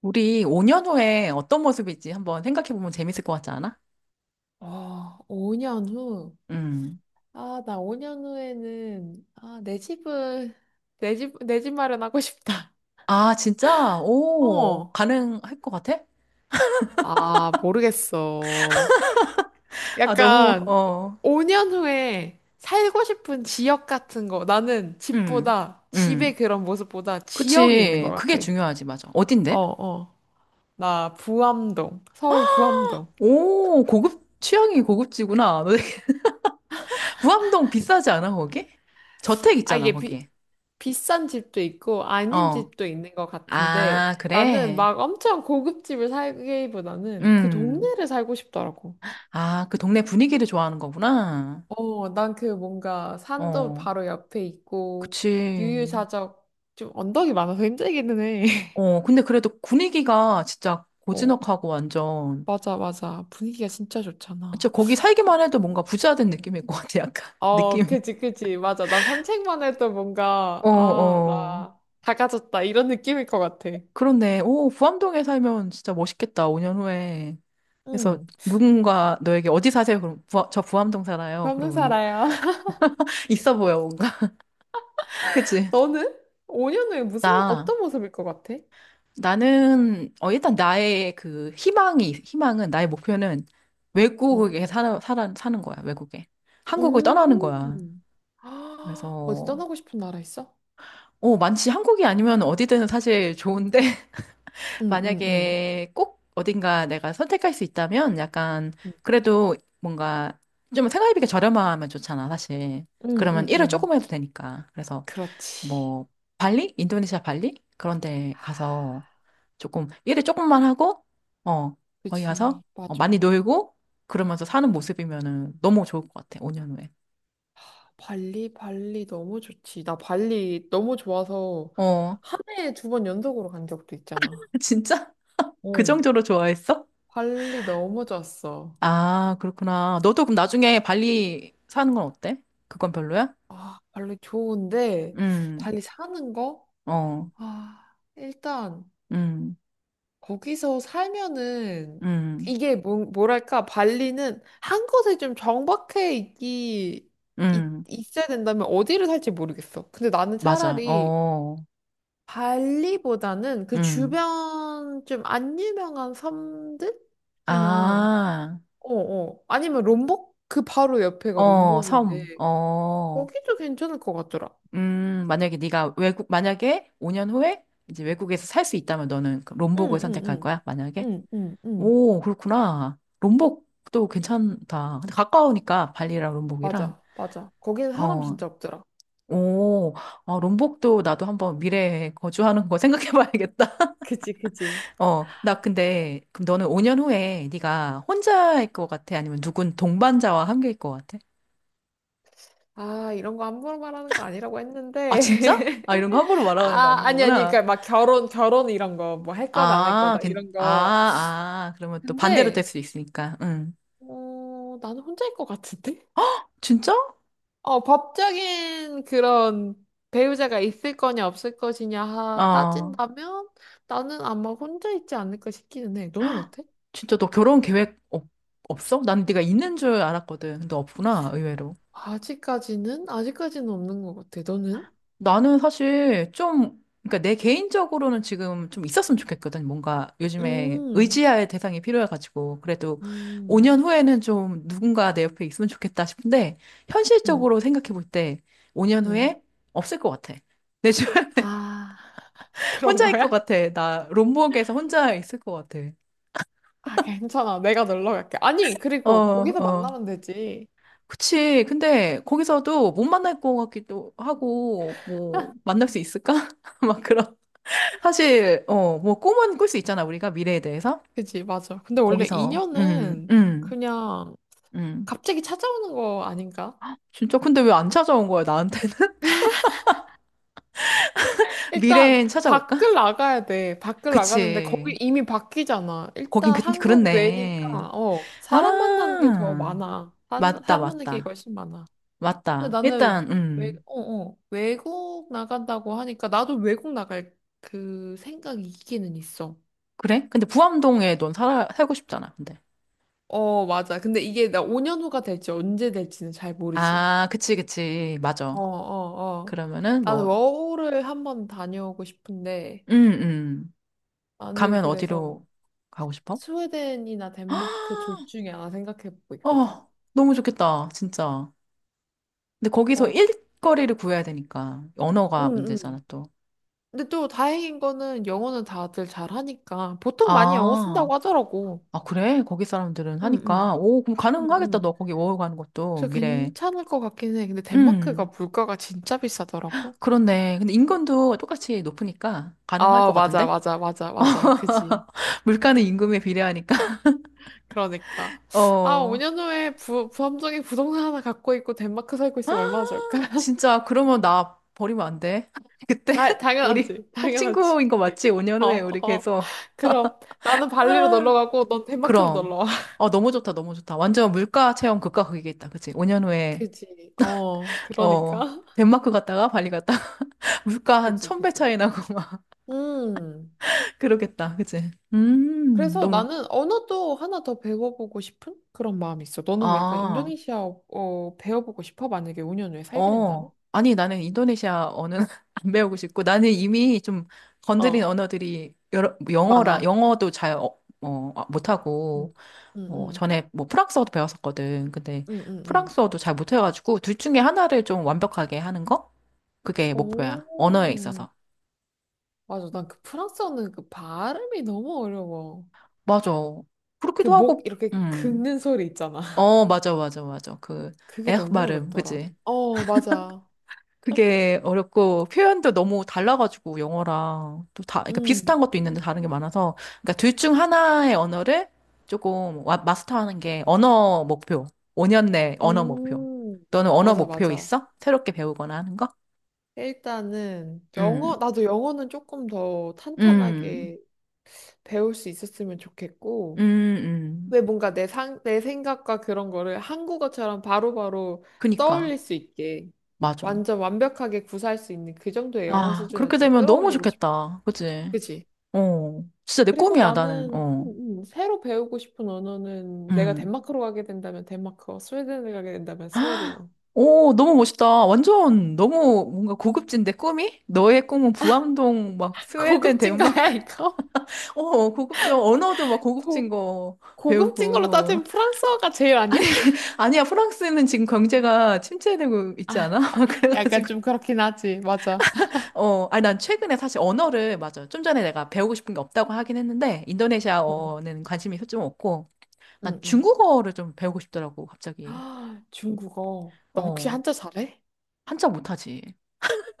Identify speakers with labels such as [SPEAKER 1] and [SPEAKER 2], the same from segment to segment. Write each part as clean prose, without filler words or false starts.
[SPEAKER 1] 우리 5년 후에 어떤 모습일지 한번 생각해보면 재밌을 것 같지 않아?
[SPEAKER 2] 아, 5년 후.
[SPEAKER 1] 음.
[SPEAKER 2] 아, 나 5년 후에는, 아, 내 집 마련하고 싶다.
[SPEAKER 1] 아, 진짜? 오,
[SPEAKER 2] 어.
[SPEAKER 1] 가능할 것 같아?
[SPEAKER 2] 아, 모르겠어.
[SPEAKER 1] 아, 너무,
[SPEAKER 2] 약간,
[SPEAKER 1] 어,
[SPEAKER 2] 5년 후에 살고 싶은 지역 같은 거. 나는
[SPEAKER 1] 음,
[SPEAKER 2] 집보다,
[SPEAKER 1] 음.
[SPEAKER 2] 집의 그런 모습보다 지역이 있는 것
[SPEAKER 1] 그치. 그게
[SPEAKER 2] 같아.
[SPEAKER 1] 중요하지, 맞아.
[SPEAKER 2] 어,
[SPEAKER 1] 어딘데?
[SPEAKER 2] 어. 나 부암동, 서울 부암동.
[SPEAKER 1] 오, 고급, 취향이 고급지구나. 너 무암동 비싸지 않아, 거기? 저택
[SPEAKER 2] 아,
[SPEAKER 1] 있잖아,
[SPEAKER 2] 이게 비,
[SPEAKER 1] 거기.
[SPEAKER 2] 비싼 집도 있고 아닌
[SPEAKER 1] 어.
[SPEAKER 2] 집도 있는 것 같은데
[SPEAKER 1] 아,
[SPEAKER 2] 나는
[SPEAKER 1] 그래?
[SPEAKER 2] 막 엄청 고급집을 살기보다는 그
[SPEAKER 1] 음.
[SPEAKER 2] 동네를 살고 싶더라고.
[SPEAKER 1] 아, 그 동네 분위기를 좋아하는 거구나.
[SPEAKER 2] 어, 난 그 뭔가 산도
[SPEAKER 1] 어,
[SPEAKER 2] 바로 옆에 있고
[SPEAKER 1] 그치.
[SPEAKER 2] 유유자적 좀 언덕이 많아서 힘들기는 해.
[SPEAKER 1] 어, 근데 그래도 분위기가 진짜
[SPEAKER 2] 어,
[SPEAKER 1] 고즈넉하고 완전,
[SPEAKER 2] 맞아, 맞아. 분위기가 진짜
[SPEAKER 1] 진짜
[SPEAKER 2] 좋잖아.
[SPEAKER 1] 거기 살기만
[SPEAKER 2] 또,
[SPEAKER 1] 해도 뭔가 부자 된 느낌일 것 같아, 약간.
[SPEAKER 2] 어,
[SPEAKER 1] 느낌이.
[SPEAKER 2] 그지, 그지. 맞아. 난 산책만 해도
[SPEAKER 1] 어,
[SPEAKER 2] 뭔가, 아,
[SPEAKER 1] 어.
[SPEAKER 2] 나 작아졌다. 이런 느낌일 것 같아.
[SPEAKER 1] 그런데, 오, 부암동에 살면 진짜 멋있겠다, 5년 후에. 그래서
[SPEAKER 2] 응,
[SPEAKER 1] 누군가 너에게 어디 사세요? 그럼, 부저 부암동 살아요. 그러면은.
[SPEAKER 2] 변호사라요.
[SPEAKER 1] 있어 보여, 뭔가. 그치?
[SPEAKER 2] 너는 5년 후에 무슨,
[SPEAKER 1] 나,
[SPEAKER 2] 어떤 모습일 것 같아?
[SPEAKER 1] 나는, 어, 일단 나의 그 희망은, 나의 목표는
[SPEAKER 2] 응.
[SPEAKER 1] 외국에 사는 거야, 외국에. 한국을 떠나는 거야.
[SPEAKER 2] 음. 아, 어디
[SPEAKER 1] 그래서
[SPEAKER 2] 떠나고 싶은 나라 있어?
[SPEAKER 1] 어, 많지. 한국이 아니면 어디든 사실 좋은데,
[SPEAKER 2] 응, 응, 응.
[SPEAKER 1] 만약에 꼭 어딘가 내가 선택할 수 있다면 약간,
[SPEAKER 2] 응,
[SPEAKER 1] 그래도 뭔가 좀 생활비가 저렴하면 좋잖아, 사실.
[SPEAKER 2] 응,
[SPEAKER 1] 그러면
[SPEAKER 2] 응.
[SPEAKER 1] 일을
[SPEAKER 2] 응.
[SPEAKER 1] 조금 해도 되니까. 그래서
[SPEAKER 2] 그렇지.
[SPEAKER 1] 뭐, 발리? 인도네시아 발리? 그런 데 가서 조금, 일을 조금만 하고, 어, 거기 가서
[SPEAKER 2] 그지.
[SPEAKER 1] 어, 많이
[SPEAKER 2] 맞아.
[SPEAKER 1] 놀고, 그러면서 사는 모습이면은 너무 좋을 것 같아, 5년 후에.
[SPEAKER 2] 발리, 발리 너무 좋지. 나 발리 너무 좋아서
[SPEAKER 1] 어,
[SPEAKER 2] 한 해에 두 번 연속으로 간 적도 있잖아.
[SPEAKER 1] 진짜? 그
[SPEAKER 2] 어.
[SPEAKER 1] 정도로 좋아했어?
[SPEAKER 2] 발리 너무 좋았어.
[SPEAKER 1] 아, 그렇구나. 너도 그럼 나중에 발리 사는 건 어때? 그건 별로야?
[SPEAKER 2] 아, 발리 좋은데,
[SPEAKER 1] 음,
[SPEAKER 2] 발리 사는 거?
[SPEAKER 1] 어,
[SPEAKER 2] 아, 일단.
[SPEAKER 1] 음,
[SPEAKER 2] 거기서 살면은
[SPEAKER 1] 음,
[SPEAKER 2] 이게 뭐랄까 발리는 한 곳에 좀 정박해 있기 있,
[SPEAKER 1] 음,
[SPEAKER 2] 있어야 된다면 어디를 살지 모르겠어. 근데 나는
[SPEAKER 1] 맞아.
[SPEAKER 2] 차라리
[SPEAKER 1] 어,
[SPEAKER 2] 발리보다는 그
[SPEAKER 1] 음.
[SPEAKER 2] 주변 좀 안 유명한 섬들이나
[SPEAKER 1] 아,
[SPEAKER 2] 어어 아니면 롬복 그 바로 옆에가
[SPEAKER 1] 어,
[SPEAKER 2] 롬복인데
[SPEAKER 1] 섬, 어,
[SPEAKER 2] 거기도 괜찮을 것 같더라.
[SPEAKER 1] 만약에 네가 외국, 만약에 5년 후에 이제 외국에서 살 수 있다면 너는 그 롬복을 선택할 거야? 만약에?
[SPEAKER 2] 응응응응응응
[SPEAKER 1] 오, 그렇구나. 롬복도 괜찮다. 근데 가까우니까 발리랑 롬복이랑.
[SPEAKER 2] 맞아 맞아 거기는 사람
[SPEAKER 1] 어,
[SPEAKER 2] 진짜 없더라.
[SPEAKER 1] 오, 아, 롬복도 나도 한번 미래에 거주하는 거 생각해 봐야겠다.
[SPEAKER 2] 그치, 그치.
[SPEAKER 1] 어, 나 근데, 그럼 너는 5년 후에 네가 혼자일 것 같아? 아니면 누군 동반자와 함께일 것 같아?
[SPEAKER 2] 아, 이런 거 함부로 말하는 거 아니라고
[SPEAKER 1] 아,
[SPEAKER 2] 했는데.
[SPEAKER 1] 진짜? 아, 이런 거 함부로 말하는 거
[SPEAKER 2] 아,
[SPEAKER 1] 아닌
[SPEAKER 2] 아니, 아니,
[SPEAKER 1] 거구나.
[SPEAKER 2] 그러니까 막 결혼, 결혼 이런 거, 뭐 할 거다, 안 할
[SPEAKER 1] 아,
[SPEAKER 2] 거다,
[SPEAKER 1] 괜,
[SPEAKER 2] 이런
[SPEAKER 1] 아,
[SPEAKER 2] 거.
[SPEAKER 1] 아, 그러면 또 반대로 될
[SPEAKER 2] 근데,
[SPEAKER 1] 수 있으니까. 응.
[SPEAKER 2] 어, 나는 혼자일 것 같은데?
[SPEAKER 1] 진짜?
[SPEAKER 2] 어, 법적인 그런 배우자가 있을 거냐, 없을 것이냐
[SPEAKER 1] 어,
[SPEAKER 2] 따진다면 나는 아마 혼자 있지 않을까 싶기는 해. 너는 어때?
[SPEAKER 1] 진짜 너 결혼 계획 없어? 난 네가 있는 줄 알았거든. 근데 없구나, 의외로.
[SPEAKER 2] 아직까지는? 아직까지는 없는 것 같아. 너는?
[SPEAKER 1] 나는 사실 좀, 그러니까 내 개인적으로는 지금 좀 있었으면 좋겠거든. 뭔가 요즘에
[SPEAKER 2] 음,
[SPEAKER 1] 의지할 대상이 필요해가지고. 그래도
[SPEAKER 2] 음,
[SPEAKER 1] 5년 후에는 좀 누군가 내 옆에 있으면 좋겠다 싶은데,
[SPEAKER 2] 음,
[SPEAKER 1] 현실적으로 생각해 볼 때 5년
[SPEAKER 2] 음.
[SPEAKER 1] 후에 없을 것 같아. 내 주변에
[SPEAKER 2] 아, 그런
[SPEAKER 1] 혼자 있을 것
[SPEAKER 2] 거야?
[SPEAKER 1] 같아. 나 롬복에서 혼자 있을 것 같아.
[SPEAKER 2] 아, 괜찮아. 내가 놀러 갈게. 아니,
[SPEAKER 1] 어,
[SPEAKER 2] 그리고 거기서
[SPEAKER 1] 어.
[SPEAKER 2] 만나면 되지.
[SPEAKER 1] 그치. 근데 거기서도 못 만날 것 같기도 하고, 뭐, 만날 수 있을까? 막 그런. 사실, 어, 뭐, 꿈은 꿀 수 있잖아, 우리가 미래에 대해서.
[SPEAKER 2] 그지, 맞아. 근데 원래
[SPEAKER 1] 거기서,
[SPEAKER 2] 인연은 그냥
[SPEAKER 1] 음.
[SPEAKER 2] 갑자기 찾아오는 거 아닌가?
[SPEAKER 1] 진짜, 근데 왜 안 찾아온 거야, 나한테는?
[SPEAKER 2] 일단
[SPEAKER 1] 미래엔 찾아올까?
[SPEAKER 2] 밖을 나가야 돼. 밖을 나가는데 거기
[SPEAKER 1] 그치.
[SPEAKER 2] 이미 바뀌잖아.
[SPEAKER 1] 거긴
[SPEAKER 2] 일단
[SPEAKER 1] 그,
[SPEAKER 2] 한국
[SPEAKER 1] 그렇네.
[SPEAKER 2] 외니까 어, 사람 만나는 게 더
[SPEAKER 1] 아,
[SPEAKER 2] 많아. 사람,
[SPEAKER 1] 맞다,
[SPEAKER 2] 사람 만나는 게
[SPEAKER 1] 맞다.
[SPEAKER 2] 훨씬 많아. 근데
[SPEAKER 1] 맞다.
[SPEAKER 2] 나는
[SPEAKER 1] 일단,
[SPEAKER 2] 외, 어, 어, 외국 나간다고 하니까 나도 외국 나갈 그 생각이 있기는 있어.
[SPEAKER 1] 그래? 근데 부암동에 넌 살아, 살고 싶잖아, 근데.
[SPEAKER 2] 어, 맞아. 근데 이게 나 5년 후가 될지 언제 될지는 잘 모르지.
[SPEAKER 1] 아, 그치, 그치. 맞아.
[SPEAKER 2] 어, 어, 어.
[SPEAKER 1] 그러면은,
[SPEAKER 2] 나는
[SPEAKER 1] 뭐,
[SPEAKER 2] 워홀을 한번 다녀오고 싶은데
[SPEAKER 1] 음, 음.
[SPEAKER 2] 나는
[SPEAKER 1] 가면
[SPEAKER 2] 그래서
[SPEAKER 1] 어디로 가고 싶어?
[SPEAKER 2] 스웨덴이나 덴마크 둘 중에 하나 생각해보고 있거든.
[SPEAKER 1] 어, 너무 좋겠다, 진짜. 근데 거기서
[SPEAKER 2] 어,
[SPEAKER 1] 일거리를 구해야 되니까
[SPEAKER 2] 응,
[SPEAKER 1] 언어가 문제잖아
[SPEAKER 2] 응.
[SPEAKER 1] 또.
[SPEAKER 2] 근데 또 다행인 거는 영어는 다들 잘하니까 보통 많이 영어
[SPEAKER 1] 아,
[SPEAKER 2] 쓴다고 하더라고.
[SPEAKER 1] 아 그래? 거기 사람들은
[SPEAKER 2] 응,
[SPEAKER 1] 하니까
[SPEAKER 2] 응,
[SPEAKER 1] 오 그럼
[SPEAKER 2] 응,
[SPEAKER 1] 가능하겠다
[SPEAKER 2] 응.
[SPEAKER 1] 너 거기 워홀 가는 것도
[SPEAKER 2] 그래서
[SPEAKER 1] 미래.
[SPEAKER 2] 괜찮을 것 같긴 해. 근데 덴마크가
[SPEAKER 1] 음
[SPEAKER 2] 물가가 진짜 비싸더라고.
[SPEAKER 1] 그렇네. 근데 인건도 똑같이 높으니까 가능할 것
[SPEAKER 2] 아, 맞아,
[SPEAKER 1] 같은데?
[SPEAKER 2] 맞아, 맞아, 맞아. 그지.
[SPEAKER 1] 물가는 임금에 비례하니까.
[SPEAKER 2] 그러니까. 아,
[SPEAKER 1] 어
[SPEAKER 2] 5년 후에 부함정에 부동산 하나 갖고 있고 덴마크 살고 있으면 얼마나 좋을까?
[SPEAKER 1] 진짜 그러면 나 버리면 안 돼. 그때
[SPEAKER 2] 아,
[SPEAKER 1] 우리
[SPEAKER 2] 당연하지.
[SPEAKER 1] 꼭
[SPEAKER 2] 당연하지.
[SPEAKER 1] 친구인 거 맞지? 5년
[SPEAKER 2] 어,
[SPEAKER 1] 후에 우리
[SPEAKER 2] 어.
[SPEAKER 1] 계속.
[SPEAKER 2] 그럼 나는 발리로 놀러
[SPEAKER 1] 아,
[SPEAKER 2] 가고 넌 덴마크로
[SPEAKER 1] 그럼.
[SPEAKER 2] 놀러 와.
[SPEAKER 1] 어, 너무 좋다, 너무 좋다. 완전 물가 체험 극과 극이겠다. 그치? 5년 후에,
[SPEAKER 2] 그지, 어,
[SPEAKER 1] 어,
[SPEAKER 2] 그러니까.
[SPEAKER 1] 덴마크 갔다가 발리 갔다가 물가 한
[SPEAKER 2] 그지,
[SPEAKER 1] 천배
[SPEAKER 2] 그지.
[SPEAKER 1] 차이 나고 막
[SPEAKER 2] 음.
[SPEAKER 1] 그러겠다. 그치?
[SPEAKER 2] 그래서
[SPEAKER 1] 너무,
[SPEAKER 2] 나는 언어도 하나 더 배워보고 싶은 그런 마음이 있어. 너는 왜 약간
[SPEAKER 1] 아,
[SPEAKER 2] 인도네시아 배워보고 싶어? 만약에 5년 후에 살게 된다면?
[SPEAKER 1] 어. 아니, 나는 인도네시아 언어는 안 배우고 싶고, 나는 이미 좀 건드린
[SPEAKER 2] 어,
[SPEAKER 1] 언어들이 여러,
[SPEAKER 2] 많아.
[SPEAKER 1] 영어도 잘, 어, 어, 아, 못하고,
[SPEAKER 2] 응 응,
[SPEAKER 1] 뭐
[SPEAKER 2] 응,
[SPEAKER 1] 전에 뭐 프랑스어도 배웠었거든. 근데
[SPEAKER 2] 응, 응, 응.
[SPEAKER 1] 프랑스어도 잘 못해가지고 둘 중에 하나를 좀 완벽하게 하는 거? 그게
[SPEAKER 2] 오,
[SPEAKER 1] 목표야. 언어에 있어서.
[SPEAKER 2] 맞아. 난 그 프랑스어는 그 발음이 너무 어려워.
[SPEAKER 1] 맞아.
[SPEAKER 2] 그
[SPEAKER 1] 그렇기도
[SPEAKER 2] 목
[SPEAKER 1] 하고,
[SPEAKER 2] 이렇게 긁는 소리 있잖아.
[SPEAKER 1] 어, 맞아, 맞아, 맞아. 그,
[SPEAKER 2] 그게
[SPEAKER 1] 에흐
[SPEAKER 2] 너무
[SPEAKER 1] 발음,
[SPEAKER 2] 어렵더라.
[SPEAKER 1] 그지?
[SPEAKER 2] 어, 맞아.
[SPEAKER 1] 그게 어렵고, 표현도 너무 달라가지고, 영어랑. 또 다, 그러니까
[SPEAKER 2] 음,
[SPEAKER 1] 비슷한 것도 있는데 다른 게 많아서. 그러니까 둘 중 하나의 언어를 조금 마스터하는 게 언어 목표. 5년 내 언어 목표.
[SPEAKER 2] 음,
[SPEAKER 1] 너는 언어
[SPEAKER 2] 맞아,
[SPEAKER 1] 목표
[SPEAKER 2] 맞아.
[SPEAKER 1] 있어? 새롭게 배우거나 하는 거?
[SPEAKER 2] 일단은 영어,
[SPEAKER 1] 음,
[SPEAKER 2] 나도 영어는 조금 더
[SPEAKER 1] 음,
[SPEAKER 2] 탄탄하게 배울 수 있었으면
[SPEAKER 1] 음,
[SPEAKER 2] 좋겠고,
[SPEAKER 1] 음.
[SPEAKER 2] 왜 뭔가 내 생각과 그런 거를 한국어처럼 바로바로 떠올릴
[SPEAKER 1] 그니까,
[SPEAKER 2] 수 있게
[SPEAKER 1] 맞아.
[SPEAKER 2] 완전 완벽하게 구사할 수 있는 그 정도의 영어
[SPEAKER 1] 아,
[SPEAKER 2] 수준을
[SPEAKER 1] 그렇게
[SPEAKER 2] 좀
[SPEAKER 1] 되면 너무
[SPEAKER 2] 끌어올리고
[SPEAKER 1] 좋겠다. 그치?
[SPEAKER 2] 그지
[SPEAKER 1] 어, 진짜 내
[SPEAKER 2] 그리고
[SPEAKER 1] 꿈이야, 나는.
[SPEAKER 2] 나는
[SPEAKER 1] 어,
[SPEAKER 2] 새로 배우고 싶은 언어는 내가
[SPEAKER 1] 음.
[SPEAKER 2] 덴마크로 가게 된다면 덴마크어, 스웨덴을 가게 된다면
[SPEAKER 1] 헉!
[SPEAKER 2] 스웨덴어.
[SPEAKER 1] 오, 너무 멋있다. 완전 너무 뭔가 고급진데, 꿈이? 너의 꿈은 부암동, 막, 스웨덴,
[SPEAKER 2] 고급진가야,
[SPEAKER 1] 덴마크.
[SPEAKER 2] 이거?
[SPEAKER 1] 어, 고급져. 언어도 막
[SPEAKER 2] 고,
[SPEAKER 1] 고급진 거
[SPEAKER 2] 고급진 걸로
[SPEAKER 1] 배우고.
[SPEAKER 2] 따지면 프랑스어가 제일 아니야?
[SPEAKER 1] 아니야, 프랑스는 지금 경제가 침체되고 있지 않아?
[SPEAKER 2] 약간
[SPEAKER 1] 그래가지고.
[SPEAKER 2] 좀 그렇긴 하지, 맞아.
[SPEAKER 1] 어, 아니, 난 최근에 사실 언어를, 맞아. 좀 전에 내가 배우고 싶은 게 없다고 하긴 했는데,
[SPEAKER 2] 응,
[SPEAKER 1] 인도네시아어는 관심이 좀 없고, 난
[SPEAKER 2] 응, 응.
[SPEAKER 1] 중국어를 좀 배우고 싶더라고, 갑자기.
[SPEAKER 2] 아, 중국어. 나 혹시
[SPEAKER 1] 어,
[SPEAKER 2] 한자 잘해?
[SPEAKER 1] 한자 못하지.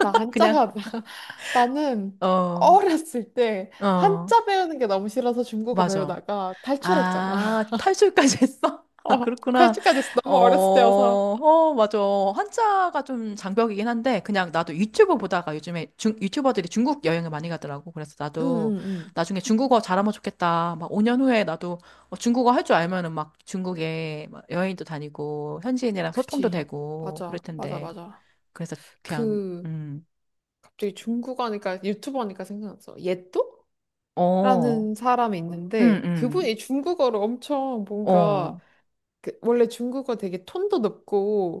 [SPEAKER 2] 나
[SPEAKER 1] 그냥,
[SPEAKER 2] 한자가, 나는
[SPEAKER 1] 어,
[SPEAKER 2] 어렸을 때
[SPEAKER 1] 어,
[SPEAKER 2] 한자 배우는 게 너무 싫어서 중국어
[SPEAKER 1] 맞아.
[SPEAKER 2] 배우다가 탈출했잖아.
[SPEAKER 1] 아, 탈출까지 했어? 아,
[SPEAKER 2] 어,
[SPEAKER 1] 그렇구나.
[SPEAKER 2] 탈출까지 했어.
[SPEAKER 1] 어,
[SPEAKER 2] 너무 어렸을 때여서.
[SPEAKER 1] 어, 맞아. 한자가 좀 장벽이긴 한데, 그냥 나도 유튜브 보다가 요즘에 유튜버들이 중국 여행을 많이 가더라고. 그래서 나도
[SPEAKER 2] 응응응.
[SPEAKER 1] 나중에 중국어 잘하면 좋겠다. 막 5년 후에 나도 어, 중국어 할 줄 알면은 막 중국에 막 여행도 다니고, 현지인이랑 소통도
[SPEAKER 2] 그지.
[SPEAKER 1] 되고, 그럴
[SPEAKER 2] 맞아, 맞아,
[SPEAKER 1] 텐데.
[SPEAKER 2] 맞아.
[SPEAKER 1] 그래서 그냥,
[SPEAKER 2] 그, 갑자기 중국 하니까, 유튜버 하니까 생각났어. 예또?
[SPEAKER 1] 어,
[SPEAKER 2] 라는 사람이
[SPEAKER 1] 음,
[SPEAKER 2] 있는데,
[SPEAKER 1] 음,
[SPEAKER 2] 그분이 중국어를 엄청 뭔가,
[SPEAKER 1] 어,
[SPEAKER 2] 그, 원래 중국어 되게 톤도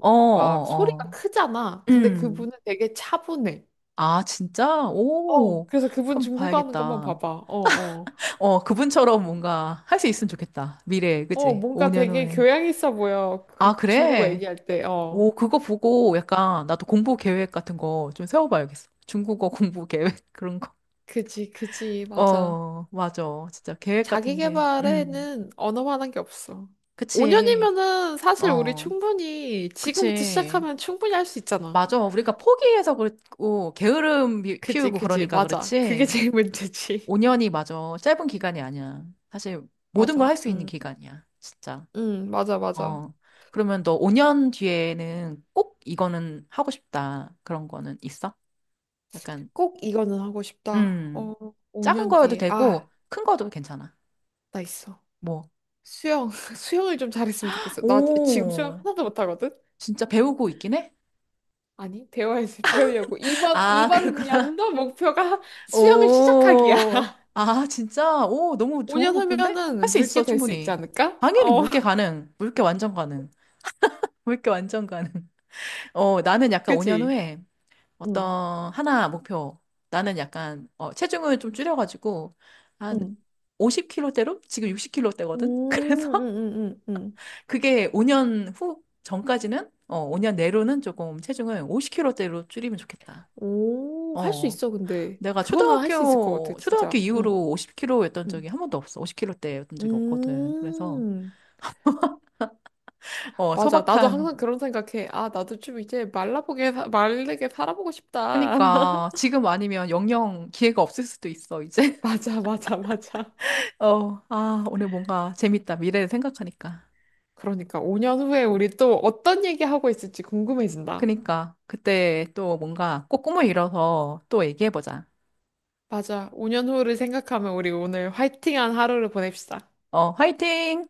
[SPEAKER 1] 어, 어,
[SPEAKER 2] 막 소리가
[SPEAKER 1] 어,
[SPEAKER 2] 크잖아. 근데
[SPEAKER 1] 음.
[SPEAKER 2] 그분은 되게 차분해.
[SPEAKER 1] 아, 진짜?
[SPEAKER 2] 어,
[SPEAKER 1] 오,
[SPEAKER 2] 그래서 그분
[SPEAKER 1] 한번
[SPEAKER 2] 중국어 하는 것만
[SPEAKER 1] 봐야겠다.
[SPEAKER 2] 봐봐. 어, 어.
[SPEAKER 1] 어, 그분처럼 뭔가 할 수 있으면 좋겠다. 미래에,
[SPEAKER 2] 어,
[SPEAKER 1] 그치?
[SPEAKER 2] 뭔가
[SPEAKER 1] 5년
[SPEAKER 2] 되게
[SPEAKER 1] 후에.
[SPEAKER 2] 교양 있어 보여.
[SPEAKER 1] 아,
[SPEAKER 2] 그 중국어
[SPEAKER 1] 그래?
[SPEAKER 2] 얘기할 때. 어.
[SPEAKER 1] 오, 그거 보고 약간 나도 공부 계획 같은 거 좀 세워봐야겠어. 중국어 공부 계획, 그런 거.
[SPEAKER 2] 그지, 그지, 맞아.
[SPEAKER 1] 어, 맞아. 진짜 계획
[SPEAKER 2] 자기
[SPEAKER 1] 같은 게.
[SPEAKER 2] 개발에는 언어만한 게 없어.
[SPEAKER 1] 그치.
[SPEAKER 2] 5년이면은 사실 우리
[SPEAKER 1] 어,
[SPEAKER 2] 충분히 지금부터
[SPEAKER 1] 그치.
[SPEAKER 2] 시작하면 충분히 할 수 있잖아.
[SPEAKER 1] 맞아. 우리가 포기해서 그렇고, 게으름
[SPEAKER 2] 그지,
[SPEAKER 1] 피우고
[SPEAKER 2] 그지,
[SPEAKER 1] 그러니까
[SPEAKER 2] 맞아. 그게
[SPEAKER 1] 그렇지.
[SPEAKER 2] 제일 문제지.
[SPEAKER 1] 5년이 맞아. 짧은 기간이 아니야. 사실 모든 걸
[SPEAKER 2] 맞아.
[SPEAKER 1] 할 수 있는
[SPEAKER 2] 응,
[SPEAKER 1] 기간이야. 진짜.
[SPEAKER 2] 응, 맞아, 맞아.
[SPEAKER 1] 어. 그러면 너 5년 뒤에는 꼭 이거는 하고 싶다. 그런 거는 있어? 약간,
[SPEAKER 2] 꼭 이거는 하고 싶다.
[SPEAKER 1] 음.
[SPEAKER 2] 어,
[SPEAKER 1] 작은
[SPEAKER 2] 5년
[SPEAKER 1] 거여도
[SPEAKER 2] 뒤에. 아,
[SPEAKER 1] 되고, 큰 거도 괜찮아.
[SPEAKER 2] 나 있어.
[SPEAKER 1] 뭐.
[SPEAKER 2] 수영, 수영을 좀 잘했으면 좋겠어. 나 지금 수영
[SPEAKER 1] 오.
[SPEAKER 2] 하나도 못하거든?
[SPEAKER 1] 진짜 배우고 있긴 해?
[SPEAKER 2] 아니, 배워야지, 배우려고. 이번,
[SPEAKER 1] 아,
[SPEAKER 2] 이번
[SPEAKER 1] 그렇구나.
[SPEAKER 2] 연도 목표가 수영을 시작하기야.
[SPEAKER 1] 오. 아, 진짜? 오, 너무 좋은
[SPEAKER 2] 5년
[SPEAKER 1] 목표인데? 할
[SPEAKER 2] 후면은
[SPEAKER 1] 수
[SPEAKER 2] 물게
[SPEAKER 1] 있어,
[SPEAKER 2] 될 수 있지
[SPEAKER 1] 충분히.
[SPEAKER 2] 않을까?
[SPEAKER 1] 당연히
[SPEAKER 2] 어.
[SPEAKER 1] 물개 가능. 물개 완전 가능. 물개 완전 가능. 어, 나는 약간 5년
[SPEAKER 2] 그치?
[SPEAKER 1] 후에
[SPEAKER 2] 응,
[SPEAKER 1] 어떤 하나 목표. 나는 약간 어, 체중을 좀 줄여가지고 한
[SPEAKER 2] 응.
[SPEAKER 1] 50kg대로 지금
[SPEAKER 2] 음,
[SPEAKER 1] 60kg대거든. 그래서
[SPEAKER 2] 음, 음, 음, 음.
[SPEAKER 1] 그게 5년 후 전까지는 어, 5년 내로는 조금 체중을 50kg대로 줄이면 좋겠다.
[SPEAKER 2] 오, 할 수
[SPEAKER 1] 어.
[SPEAKER 2] 있어, 근데.
[SPEAKER 1] 내가
[SPEAKER 2] 그거는 할 수 있을 것 같아,
[SPEAKER 1] 초등학교
[SPEAKER 2] 진짜. 응,
[SPEAKER 1] 이후로 50kg였던
[SPEAKER 2] 응.
[SPEAKER 1] 적이 한 번도 없어. 50kg대였던 적이 없거든. 그래서
[SPEAKER 2] 음,
[SPEAKER 1] 어,
[SPEAKER 2] 맞아. 나도
[SPEAKER 1] 소박한
[SPEAKER 2] 항상 그런 생각해. 아, 나도 좀 이제 말라보게, 마르게 살아보고 싶다.
[SPEAKER 1] 그니까 지금 아니면 영영 기회가 없을 수도 있어, 이제.
[SPEAKER 2] 맞아, 맞아, 맞아.
[SPEAKER 1] 어, 아, 오늘 뭔가 재밌다. 미래를 생각하니까.
[SPEAKER 2] 그러니까 5년 후에 우리 또 어떤 얘기하고 있을지 궁금해진다.
[SPEAKER 1] 그니까, 그때 또 뭔가 꼭 꿈을 이뤄서 또 얘기해보자.
[SPEAKER 2] 맞아. 5년 후를 생각하면 우리 오늘 화이팅한 하루를 보냅시다.
[SPEAKER 1] 어, 화이팅!